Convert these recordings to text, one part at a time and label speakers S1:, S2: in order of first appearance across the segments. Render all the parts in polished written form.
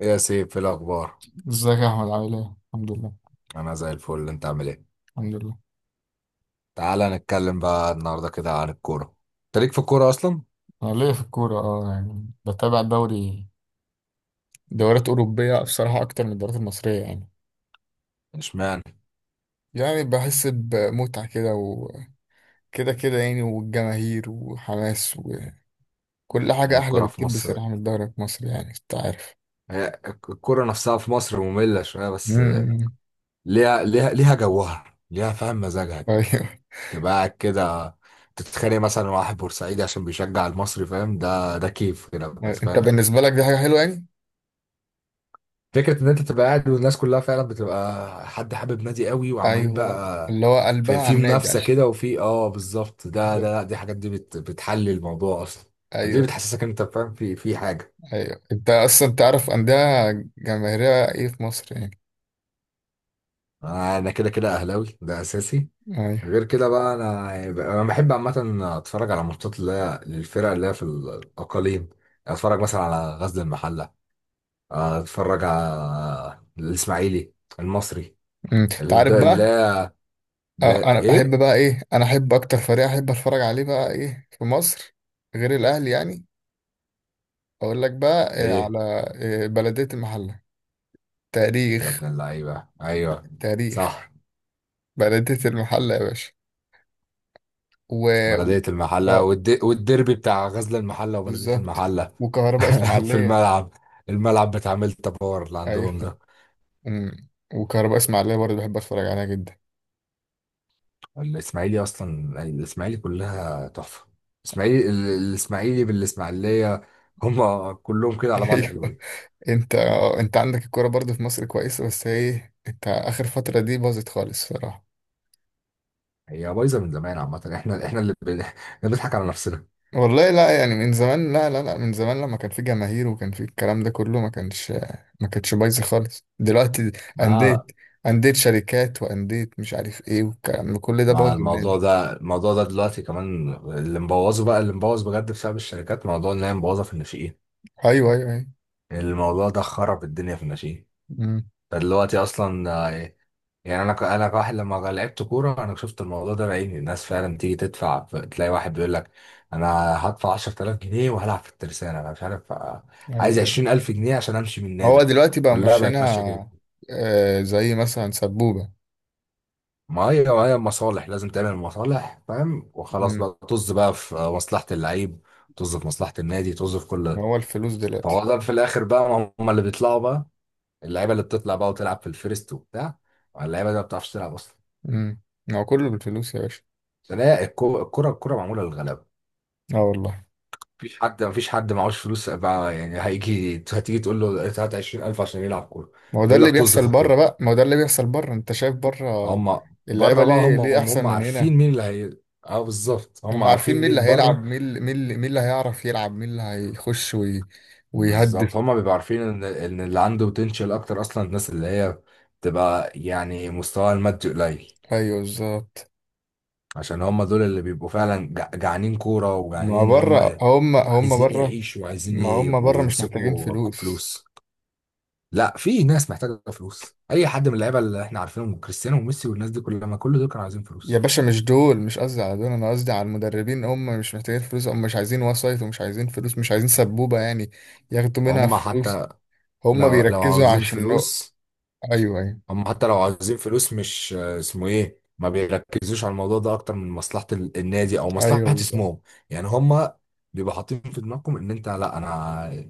S1: يا سيف في الأخبار.
S2: ازيك يا احمد، عامل ايه؟ الحمد لله.
S1: أنا زي الفل، أنت عامل إيه؟
S2: الحمد لله.
S1: تعالى نتكلم بقى النهاردة كده عن الكورة. أنت ليك في الكورة أصلا؟
S2: انا ليا في الكورة اه يعني بتابع دوريات أوروبية بصراحة أكتر من الدوريات المصرية يعني
S1: إشمعنى؟
S2: يعني بحس بمتعة كده وكده، كده يعني، والجماهير وحماس، وكل حاجة
S1: هي
S2: أحلى
S1: الكورة في
S2: بكتير
S1: مصر،
S2: بصراحة من الدوري المصري يعني، أنت عارف.
S1: هي الكورة نفسها في مصر مملة شوية، بس
S2: امم.
S1: ليها ليها جوها، ليها، فاهم مزاجها كده.
S2: أيوه.
S1: تبقى قاعد كده تتخانق مثلا مع واحد بورسعيدي عشان بيشجع المصري، فاهم؟ ده كيف كده، بس
S2: أنت
S1: فاهم.
S2: بالنسبة لك دي حاجة حلوة يعني؟
S1: فكرة إن أنت تبقى قاعد والناس كلها فعلا بتبقى حد حابب نادي قوي وعمالين
S2: أيوه،
S1: بقى
S2: اللي هو قلبها
S1: في,
S2: على
S1: في
S2: النادي
S1: منافسة
S2: عشان.
S1: كده، وفي بالظبط. ده
S2: بالظبط.
S1: لا، دي حاجات دي بتحل الموضوع أصلا. دي اللي
S2: أيوه.
S1: بتحسسك إن أنت فاهم في حاجة.
S2: أيوه، أنت أصلا تعرف أندية جماهيرية إيه في مصر يعني؟
S1: أنا كده أهلاوي، ده أساسي.
S2: ايوه.
S1: غير كده بقى أنا بحب عامة أتفرج على ماتشات اللي هي للفرق اللي هي في الأقاليم. أتفرج مثلا على غزل المحلة، أتفرج على الإسماعيلي، المصري.
S2: انت عارف
S1: ده
S2: بقى.
S1: لا.
S2: آه،
S1: لا،
S2: انا
S1: إيه؟
S2: بحب بقى ايه، انا احب اكتر فريق احب اتفرج عليه بقى ايه في مصر غير الاهلي يعني، اقول لك بقى إيه
S1: إيه؟
S2: على إيه؟ بلدية المحلة.
S1: يا
S2: تاريخ.
S1: ابن اللعيبة، أيوه،
S2: تاريخ.
S1: صح.
S2: بلدية المحلة يا باشا. و...
S1: بلدية المحلة
S2: آه،
S1: والديربي بتاع غزل المحلة وبلدية
S2: بالظبط.
S1: المحلة.
S2: وكهرباء
S1: في
S2: اسماعيلية.
S1: الملعب، الملعب بتاع ميلتا باور اللي
S2: ايوه.
S1: عندهم ده.
S2: وكهرباء اسماعيلية برضه بحب اتفرج عليها جدا.
S1: الإسماعيلي أصلا، الإسماعيلي كلها تحفة. الإسماعيلي الإسماعيلي بالإسماعيلية، هم كلهم كده على بعض
S2: ايوه.
S1: حلوين.
S2: انت عندك الكوره برضه في مصر كويسة، بس ايه انت اخر فترة دي باظت خالص صراحة.
S1: هي بايظة من زمان عامة، احنا اللي بنضحك على نفسنا.
S2: والله لا، يعني من زمان؟ لا لا لا، من زمان لما كان في جماهير وكان في الكلام ده كله، ما كانتش بايظه خالص دلوقتي. انديه
S1: مع
S2: انديه شركات، وانديه مش عارف ايه، والكلام ده كل ده بوظ
S1: مع الموضوع
S2: النادي.
S1: ده، الموضوع ده دلوقتي كمان اللي مبوظه بقى، اللي مبوظ بجد بسبب الشركات، موضوع ان هي مبوظة في الناشئين.
S2: ايوه ايوه ايوه.
S1: الموضوع ده خرب الدنيا في الناشئين.
S2: امم.
S1: ده دلوقتي اصلا، يعني انا انا كواحد لما لعبت كوره، انا شفت الموضوع ده بعيني. الناس فعلا تيجي تدفع، تلاقي واحد بيقول لك انا هدفع 10,000 جنيه وهلعب في الترسانه، انا مش عارف.
S2: ايوه
S1: عايز
S2: ايوه.
S1: 20,000 جنيه عشان امشي من
S2: هو
S1: النادي.
S2: دلوقتي بقى
S1: كلها بقت ماشيه كده.
S2: ماشيينها. آه، زي مثلا سبوبه.
S1: ما هي مصالح، لازم تعمل مصالح، فاهم؟ وخلاص
S2: امم.
S1: بقى، طز بقى في مصلحه اللعيب، طز في مصلحه النادي، طز في كل
S2: ما
S1: ده.
S2: هو الفلوس
S1: فهو
S2: دلوقتي.
S1: ده في الاخر بقى هم اللي بيطلعوا بقى. اللعيبه اللي بتطلع بقى وتلعب في الفيرست وبتاع، اللعيبه دي ما بتعرفش تلعب اصلا.
S2: امم. ما هو كله بالفلوس يا باشا.
S1: عشان هي الكره، الكره معموله للغلابه.
S2: اه والله.
S1: مفيش حد معهوش فلوس بقى، يعني هيجي، هتيجي تقول له هات 20,000 عشان يلعب كوره.
S2: ما هو ده
S1: يقول لك
S2: اللي
S1: طز في
S2: بيحصل بره
S1: الكوره.
S2: بقى، ما هو ده اللي بيحصل بره، انت شايف بره.
S1: هم
S2: اللعيبه
S1: بره بقى،
S2: ليه
S1: هم
S2: ليه
S1: هم
S2: احسن
S1: هم
S2: من هنا.
S1: عارفين مين اللي هي. اه بالظبط، هم
S2: هم عارفين
S1: عارفين
S2: مين اللي
S1: مين بره.
S2: هيلعب، مين اللي هيعرف يلعب، مين اللي هيخش
S1: بالظبط،
S2: ويهدف.
S1: هم بيبقوا عارفين ان اللي عنده بوتنشال اكتر اصلا الناس اللي هي بتبقى يعني مستواها المادي قليل.
S2: ايوه بالظبط.
S1: عشان هم دول اللي بيبقوا فعلا جعانين كورة،
S2: ما
S1: وجعانين ان
S2: بره،
S1: هم
S2: هم
S1: عايزين
S2: بره.
S1: يعيشوا وعايزين
S2: ما هم بره
S1: يبقوا
S2: مش محتاجين
S1: يمسكوا
S2: فلوس.
S1: فلوس. لا، في ناس محتاجة فلوس. اي حد من اللعيبة اللي احنا عارفينهم، كريستيانو وميسي والناس دي كلها، ما كل دول كانوا عايزين
S2: يا
S1: فلوس.
S2: باشا مش دول، مش قصدي على دول، انا قصدي على المدربين. هم مش محتاجين فلوس، هم مش عايزين وسايط ومش عايزين فلوس، مش عايزين سبوبة يعني ياخدوا منها
S1: هم
S2: فلوس.
S1: حتى
S2: هم
S1: لو
S2: بيركزوا
S1: عاوزين
S2: عشان
S1: فلوس،
S2: ايوه ايوه
S1: هم حتى لو عايزين فلوس، مش اسمه ايه، ما بيركزوش على الموضوع ده اكتر من مصلحة النادي او مصلحة
S2: ايوه بالظبط.
S1: اسمهم. يعني هم بيبقى حاطين في دماغكم ان انت، لا، انا،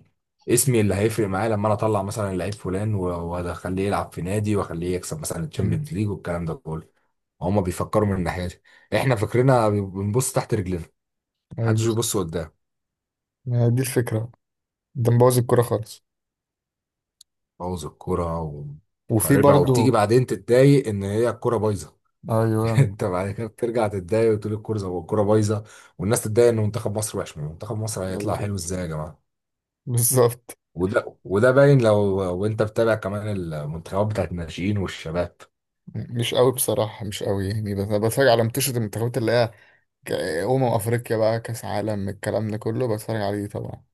S1: اسمي اللي هيفرق معايا لما انا اطلع مثلا لعيب فلان واخليه يلعب في نادي واخليه يكسب مثلا
S2: مم.
S1: الشامبيونز ليج والكلام ده كله. هم بيفكروا من الناحية دي، احنا فكرنا بنبص تحت رجلنا،
S2: ايوه
S1: محدش
S2: بالظبط.
S1: بيبص قدام.
S2: ما هي دي الفكرة. ده مبوظ الكورة خالص.
S1: بوظ الكرة
S2: وفي
S1: وخاربة، وبتيجي
S2: برضو.
S1: بعدين تتضايق ان هي الكرة بايظة.
S2: ايوه.
S1: انت بعد كده بترجع تتضايق وتقول الكوره، زي الكوره بايظه، والناس تتضايق ان منتخب مصر وحش. ما منتخب مصر هيطلع حلو
S2: بالظبط.
S1: ازاي يا جماعه؟
S2: بالظبط.
S1: وده باين لو، وانت بتابع كمان المنتخبات بتاعت الناشئين والشباب.
S2: مش قوي بصراحة، مش قوي يعني، بس أنا بتفرج على منتشرة المنتخبات اللي هي ك- أمم أفريقيا بقى، كأس عالم، الكلام ده كله بتفرج عليه طبعا،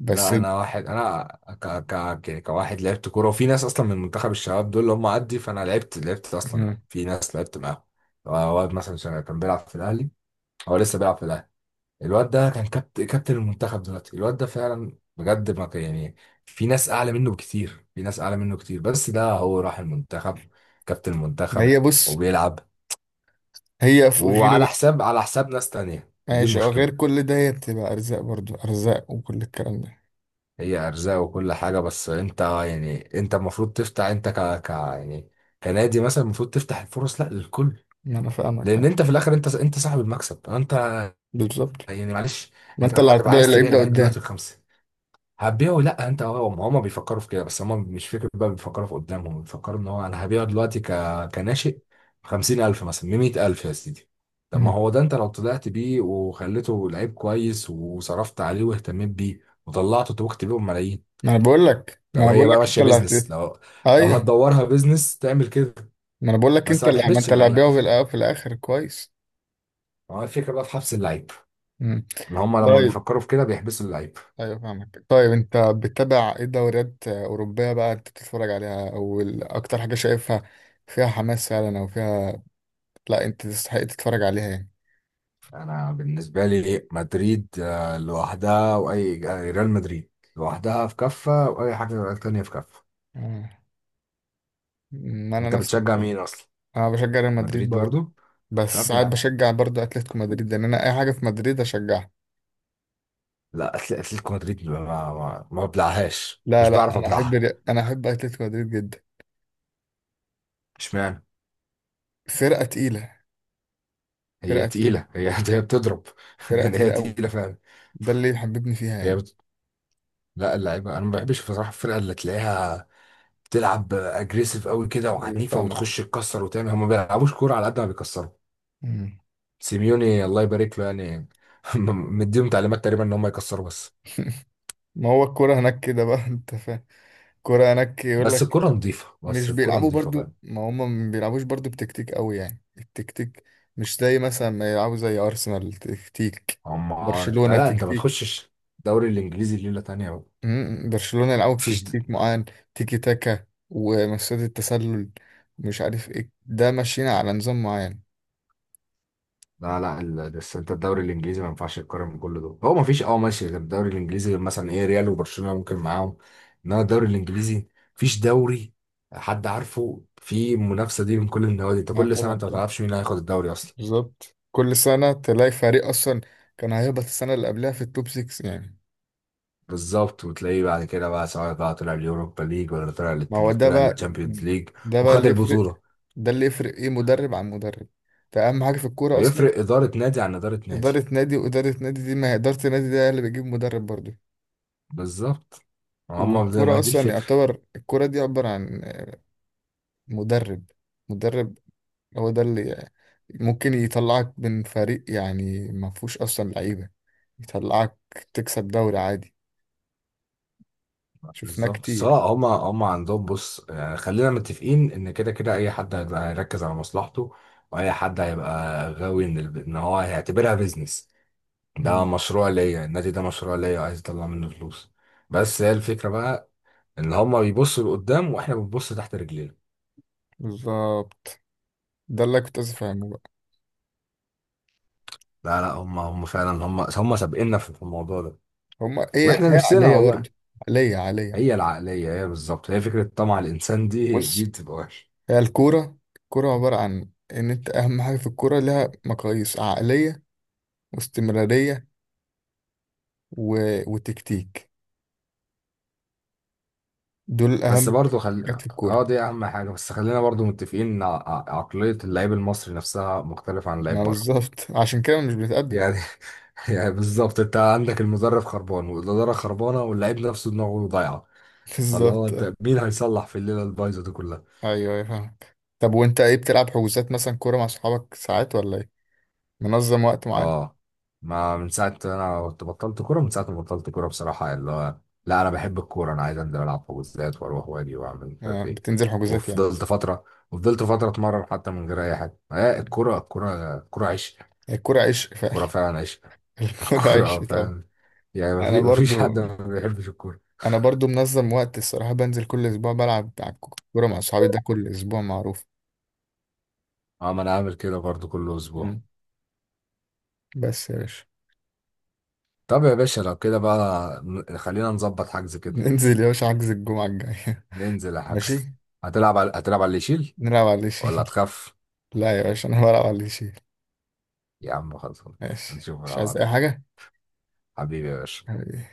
S2: بس
S1: لا انا واحد، انا كواحد لعبت كوره وفي ناس اصلا من منتخب الشباب دول اللي هم عدي، فانا لعبت اصلا،
S2: مم.
S1: في ناس لعبت معاهم. واد مثلا كان بيلعب في الاهلي، هو لسه بيلعب في الاهلي. الواد ده كان كابتن المنتخب دلوقتي. الواد ده فعلا بجد ما كان- يعني في ناس اعلى منه بكتير، في ناس اعلى منه كتير، بس ده هو راح المنتخب كابتن المنتخب،
S2: هي بص،
S1: وبيلعب،
S2: هي
S1: وعلى
S2: غير،
S1: حساب ناس تانية، دي
S2: ماشي، أه، غير
S1: المشكلة.
S2: كل ده هي بتبقى أرزاق، برضو أرزاق وكل الكلام ده.
S1: هي ارزاق وكل حاجة، بس انت يعني انت المفروض تفتح، انت ك ك يعني كنادي مثلا المفروض تفتح الفرص لا للكل.
S2: ما أنا فاهمك أنا.
S1: لان انت في الاخر انت صاحب المكسب انت،
S2: بالظبط.
S1: يعني معلش.
S2: ما
S1: انت
S2: أنت اللي
S1: لما تبقى
S2: هتبدأ
S1: عايز
S2: اللعيب
S1: تبيع
S2: ده
S1: اللعيب
S2: قدام.
S1: دلوقتي الخمسة، هتبيعه. لا، انت، هو، هما بيفكروا في كده، بس هما مش فكرة بقى، بيفكروا في قدامهم، بيفكروا ان هو انا هبيعه دلوقتي كناشئ بـ50,000، مثلا بـ100,000 يا سيدي. طب ما
S2: مم.
S1: هو ده انت لو طلعت بيه وخليته لعيب كويس، وصرفت عليه واهتميت بيه وطلعته، توكت بيه ملايين.
S2: ما أنا بقول لك ما
S1: لو
S2: أنا بقول
S1: هي بقى
S2: لك أنت
S1: ماشية
S2: اللي
S1: بيزنس، لو
S2: أيوه.
S1: هتدورها بيزنس تعمل كده.
S2: ما أنا بقول لك،
S1: بس
S2: أنت
S1: ما
S2: اللي ما
S1: تحبسش
S2: أنت اللي
S1: اللعيب.
S2: هتبيعه في الآخر كويس.
S1: ما هو الفكرة بقى في حبس اللعيب،
S2: مم.
S1: ان هما لما
S2: طيب.
S1: بيفكروا في كده بيحبسوا اللعيب.
S2: ايوه فاهمك. طيب انت بتتابع ايه؟ دوريات اوروبيه بقى انت بتتفرج عليها، اكتر حاجه شايفها فيها حماس فعلا، او فيها، لا، انت تستحق تتفرج عليها يعني.
S1: انا بالنسبه لي مدريد، لوحدها، واي ريال مدريد لوحدها في كفه، واي حاجه تانية في كفه.
S2: آه. ما انا
S1: انت
S2: نفسي
S1: بتشجع
S2: كده.
S1: مين اصلا؟
S2: انا بشجع ريال مدريد
S1: مدريد
S2: برضه،
S1: برضو.
S2: بس
S1: طب يا
S2: ساعات
S1: عم،
S2: بشجع برضه اتلتيكو مدريد، لان انا اي حاجه في مدريد اشجعها.
S1: لا، اتلتيكو مدريد، ما بلعهاش،
S2: لا
S1: مش
S2: لا،
S1: بعرف
S2: انا
S1: ابلعها.
S2: احب اتلتيكو مدريد جدا.
S1: اشمعنى؟
S2: فرقه تقيله.
S1: هي
S2: فرقه تقيله.
S1: تقيله، هي هي بتضرب،
S2: فرقه
S1: يعني هي
S2: تقيله قوي.
S1: تقيله فعلا.
S2: ده اللي يحببني فيها
S1: هي
S2: يعني.
S1: بت... لا، اللعيبه انا ما بحبش بصراحه الفرقه اللي تلاقيها بتلعب اجريسيف قوي كده
S2: ايوه
S1: وعنيفه وتخش
S2: فاهمك.
S1: تكسر وتعمل، هم ما بيلعبوش كوره على قد ما بيكسروا.
S2: مم.
S1: سيميوني الله يبارك له يعني، مديهم تعليمات تقريبا ان هم يكسروا بس.
S2: ما هو الكوره هناك كده بقى، انت فاهم. كرة هناك، يقول
S1: بس
S2: لك.
S1: الكرة نظيفة بس
S2: مش
S1: الكرة
S2: بيلعبوا
S1: نظيفة بقى.
S2: برضو؟ ما هم ما بيلعبوش برضو بتكتيك قوي يعني. التكتيك مش زي مثلا ما يلعبوا زي أرسنال تكتيك،
S1: هم،
S2: برشلونة
S1: لا، انت ما
S2: تكتيك.
S1: تخشش، الدوري الانجليزي ليلة تانية بقى.
S2: مم، برشلونة يلعبوا
S1: مفيش د-
S2: بتكتيك معين، تيكي تاكا ومسات التسلل، مش عارف ايه ده، ماشيين على نظام معين.
S1: لا لا، بس انت الدوري الانجليزي ما ينفعش تقارن من كل دول، هو مفيش، اه ماشي، غير الدوري الانجليزي، غير مثلا ايه ريال وبرشلونة ممكن معاهم. انما الدوري الانجليزي مفيش دوري حد عارفه في المنافسة دي من كل النوادي. انت
S2: ما
S1: كل سنة
S2: طبعا
S1: انت ما
S2: طبعا،
S1: تعرفش مين هياخد الدوري اصلا.
S2: بالظبط كل سنة تلاقي فريق أصلا كان هيهبط السنة اللي قبلها في التوب 6 يعني.
S1: بالظبط. وتلاقيه بعد كده بقى، سواء بقى طلع اليوروبا ليج، ولا طلع
S2: ما هو ده
S1: طلع
S2: بقى.
S1: للتشامبيونز ليج
S2: ده بقى
S1: وخد
S2: اللي يفرق.
S1: البطولة.
S2: ده اللي يفرق ايه مدرب عن مدرب. ده أهم حاجة في الكورة أصلا.
S1: بيفرق إدارة نادي عن إدارة نادي،
S2: إدارة نادي وإدارة نادي، دي ما هي إدارة النادي ده اللي بيجيب مدرب برضه.
S1: بالظبط. هما زي ما
S2: والكرة
S1: هي دي
S2: أصلا
S1: الفكرة.
S2: يعتبر الكرة دي عبارة عن مدرب. مدرب هو ده اللي ممكن يطلعك من فريق يعني ما فيهوش أصلا لعيبة، يطلعك تكسب دوري عادي. شفناه
S1: بالظبط.
S2: كتير.
S1: سواء هما عندهم، بص، يعني خلينا متفقين إن كده كده أي حد هيبقى هيركز على مصلحته، وأي حد هيبقى غاوي إن إن هو هيعتبرها بيزنس. ده
S2: مم.
S1: مشروع ليا، النادي ده مشروع ليا وعايز أطلع منه فلوس. بس هي الفكرة بقى، إن هما بيبصوا لقدام وإحنا بنبص تحت رجلينا.
S2: بالظبط. ده اللي كنت عايز أفهمه بقى.
S1: لا لا، هم فعلا، هم سابقنا في الموضوع ده،
S2: هما هي
S1: واحنا
S2: هي
S1: نفسنا
S2: عقلية
S1: والله.
S2: برضه، عقلية عقلية.
S1: هي العقلية، هي بالظبط، هي فكرة طمع الإنسان، دي
S2: بص،
S1: دي بتبقى وحشة.
S2: هي الكورة عبارة عن إن أنت، أهم حاجة في الكورة لها مقاييس عقلية، واستمرارية، و... وتكتيك. دول أهم
S1: بس برضه
S2: حاجات
S1: خل
S2: في
S1: اه
S2: الكورة.
S1: دي أهم حاجة، بس خلينا برضه متفقين إن عقلية اللعيب المصري نفسها مختلفة عن
S2: ما
S1: اللعيب بره.
S2: بالظبط، عشان كده مش بنتقدم.
S1: يعني، يعني بالظبط أنت عندك المدرب خربان والإدارة خربانة واللعيب نفسه دماغه ضايعة. فاللي هو
S2: بالظبط أه.
S1: أنت مين هيصلح في الليلة البايظة دي كلها؟
S2: أيوه أيوه فاهمك. طب وأنت إيه، بتلعب حجوزات مثلا كورة مع صحابك ساعات ولا إيه؟ منظم وقت معين؟
S1: اه، ما من ساعة انا كنت بطلت كورة، من ساعة ما بطلت كورة بصراحة، اللي هو لا انا بحب الكورة، انا عايز انزل العب حجوزات واروح واجي واعمل مش
S2: آه،
S1: عارف ايه.
S2: بتنزل حجوزات يعني.
S1: وفضلت فترة وفضلت فترة اتمرن حتى من غير اي حاجة. آه، الكورة، الكورة عشق.
S2: الكورة عشق فعلا.
S1: الكورة فعلا عشق.
S2: الكورة
S1: الكورة
S2: عشق طبعا.
S1: فعلا. يعني
S2: أنا
S1: ما فيش حد
S2: برضو.
S1: ما بيحبش الكورة.
S2: أنا برضو منظم وقت الصراحة، بنزل كل أسبوع بلعب على كورة مع صحابي، ده كل أسبوع معروف.
S1: اه ما انا عامل كده برضو كل اسبوع.
S2: مم. بس يا باشا.
S1: طب يا باشا لو كده بقى خلينا نظبط حجز كده.
S2: ننزل يا باشا حجز الجمعة الجاية.
S1: ننزل يا حجز.
S2: ماشي.
S1: هتلعب على اللي يشيل
S2: نلعب على
S1: ولا
S2: شيء.
S1: هتخاف؟
S2: لا يا باشا، انا بلعب على اللي يشيل.
S1: يا عم خلصان،
S2: ماشي،
S1: نشوف
S2: مش عايز اي
S1: العرض،
S2: حاجه
S1: حبيبي يا باشا.
S2: يعني.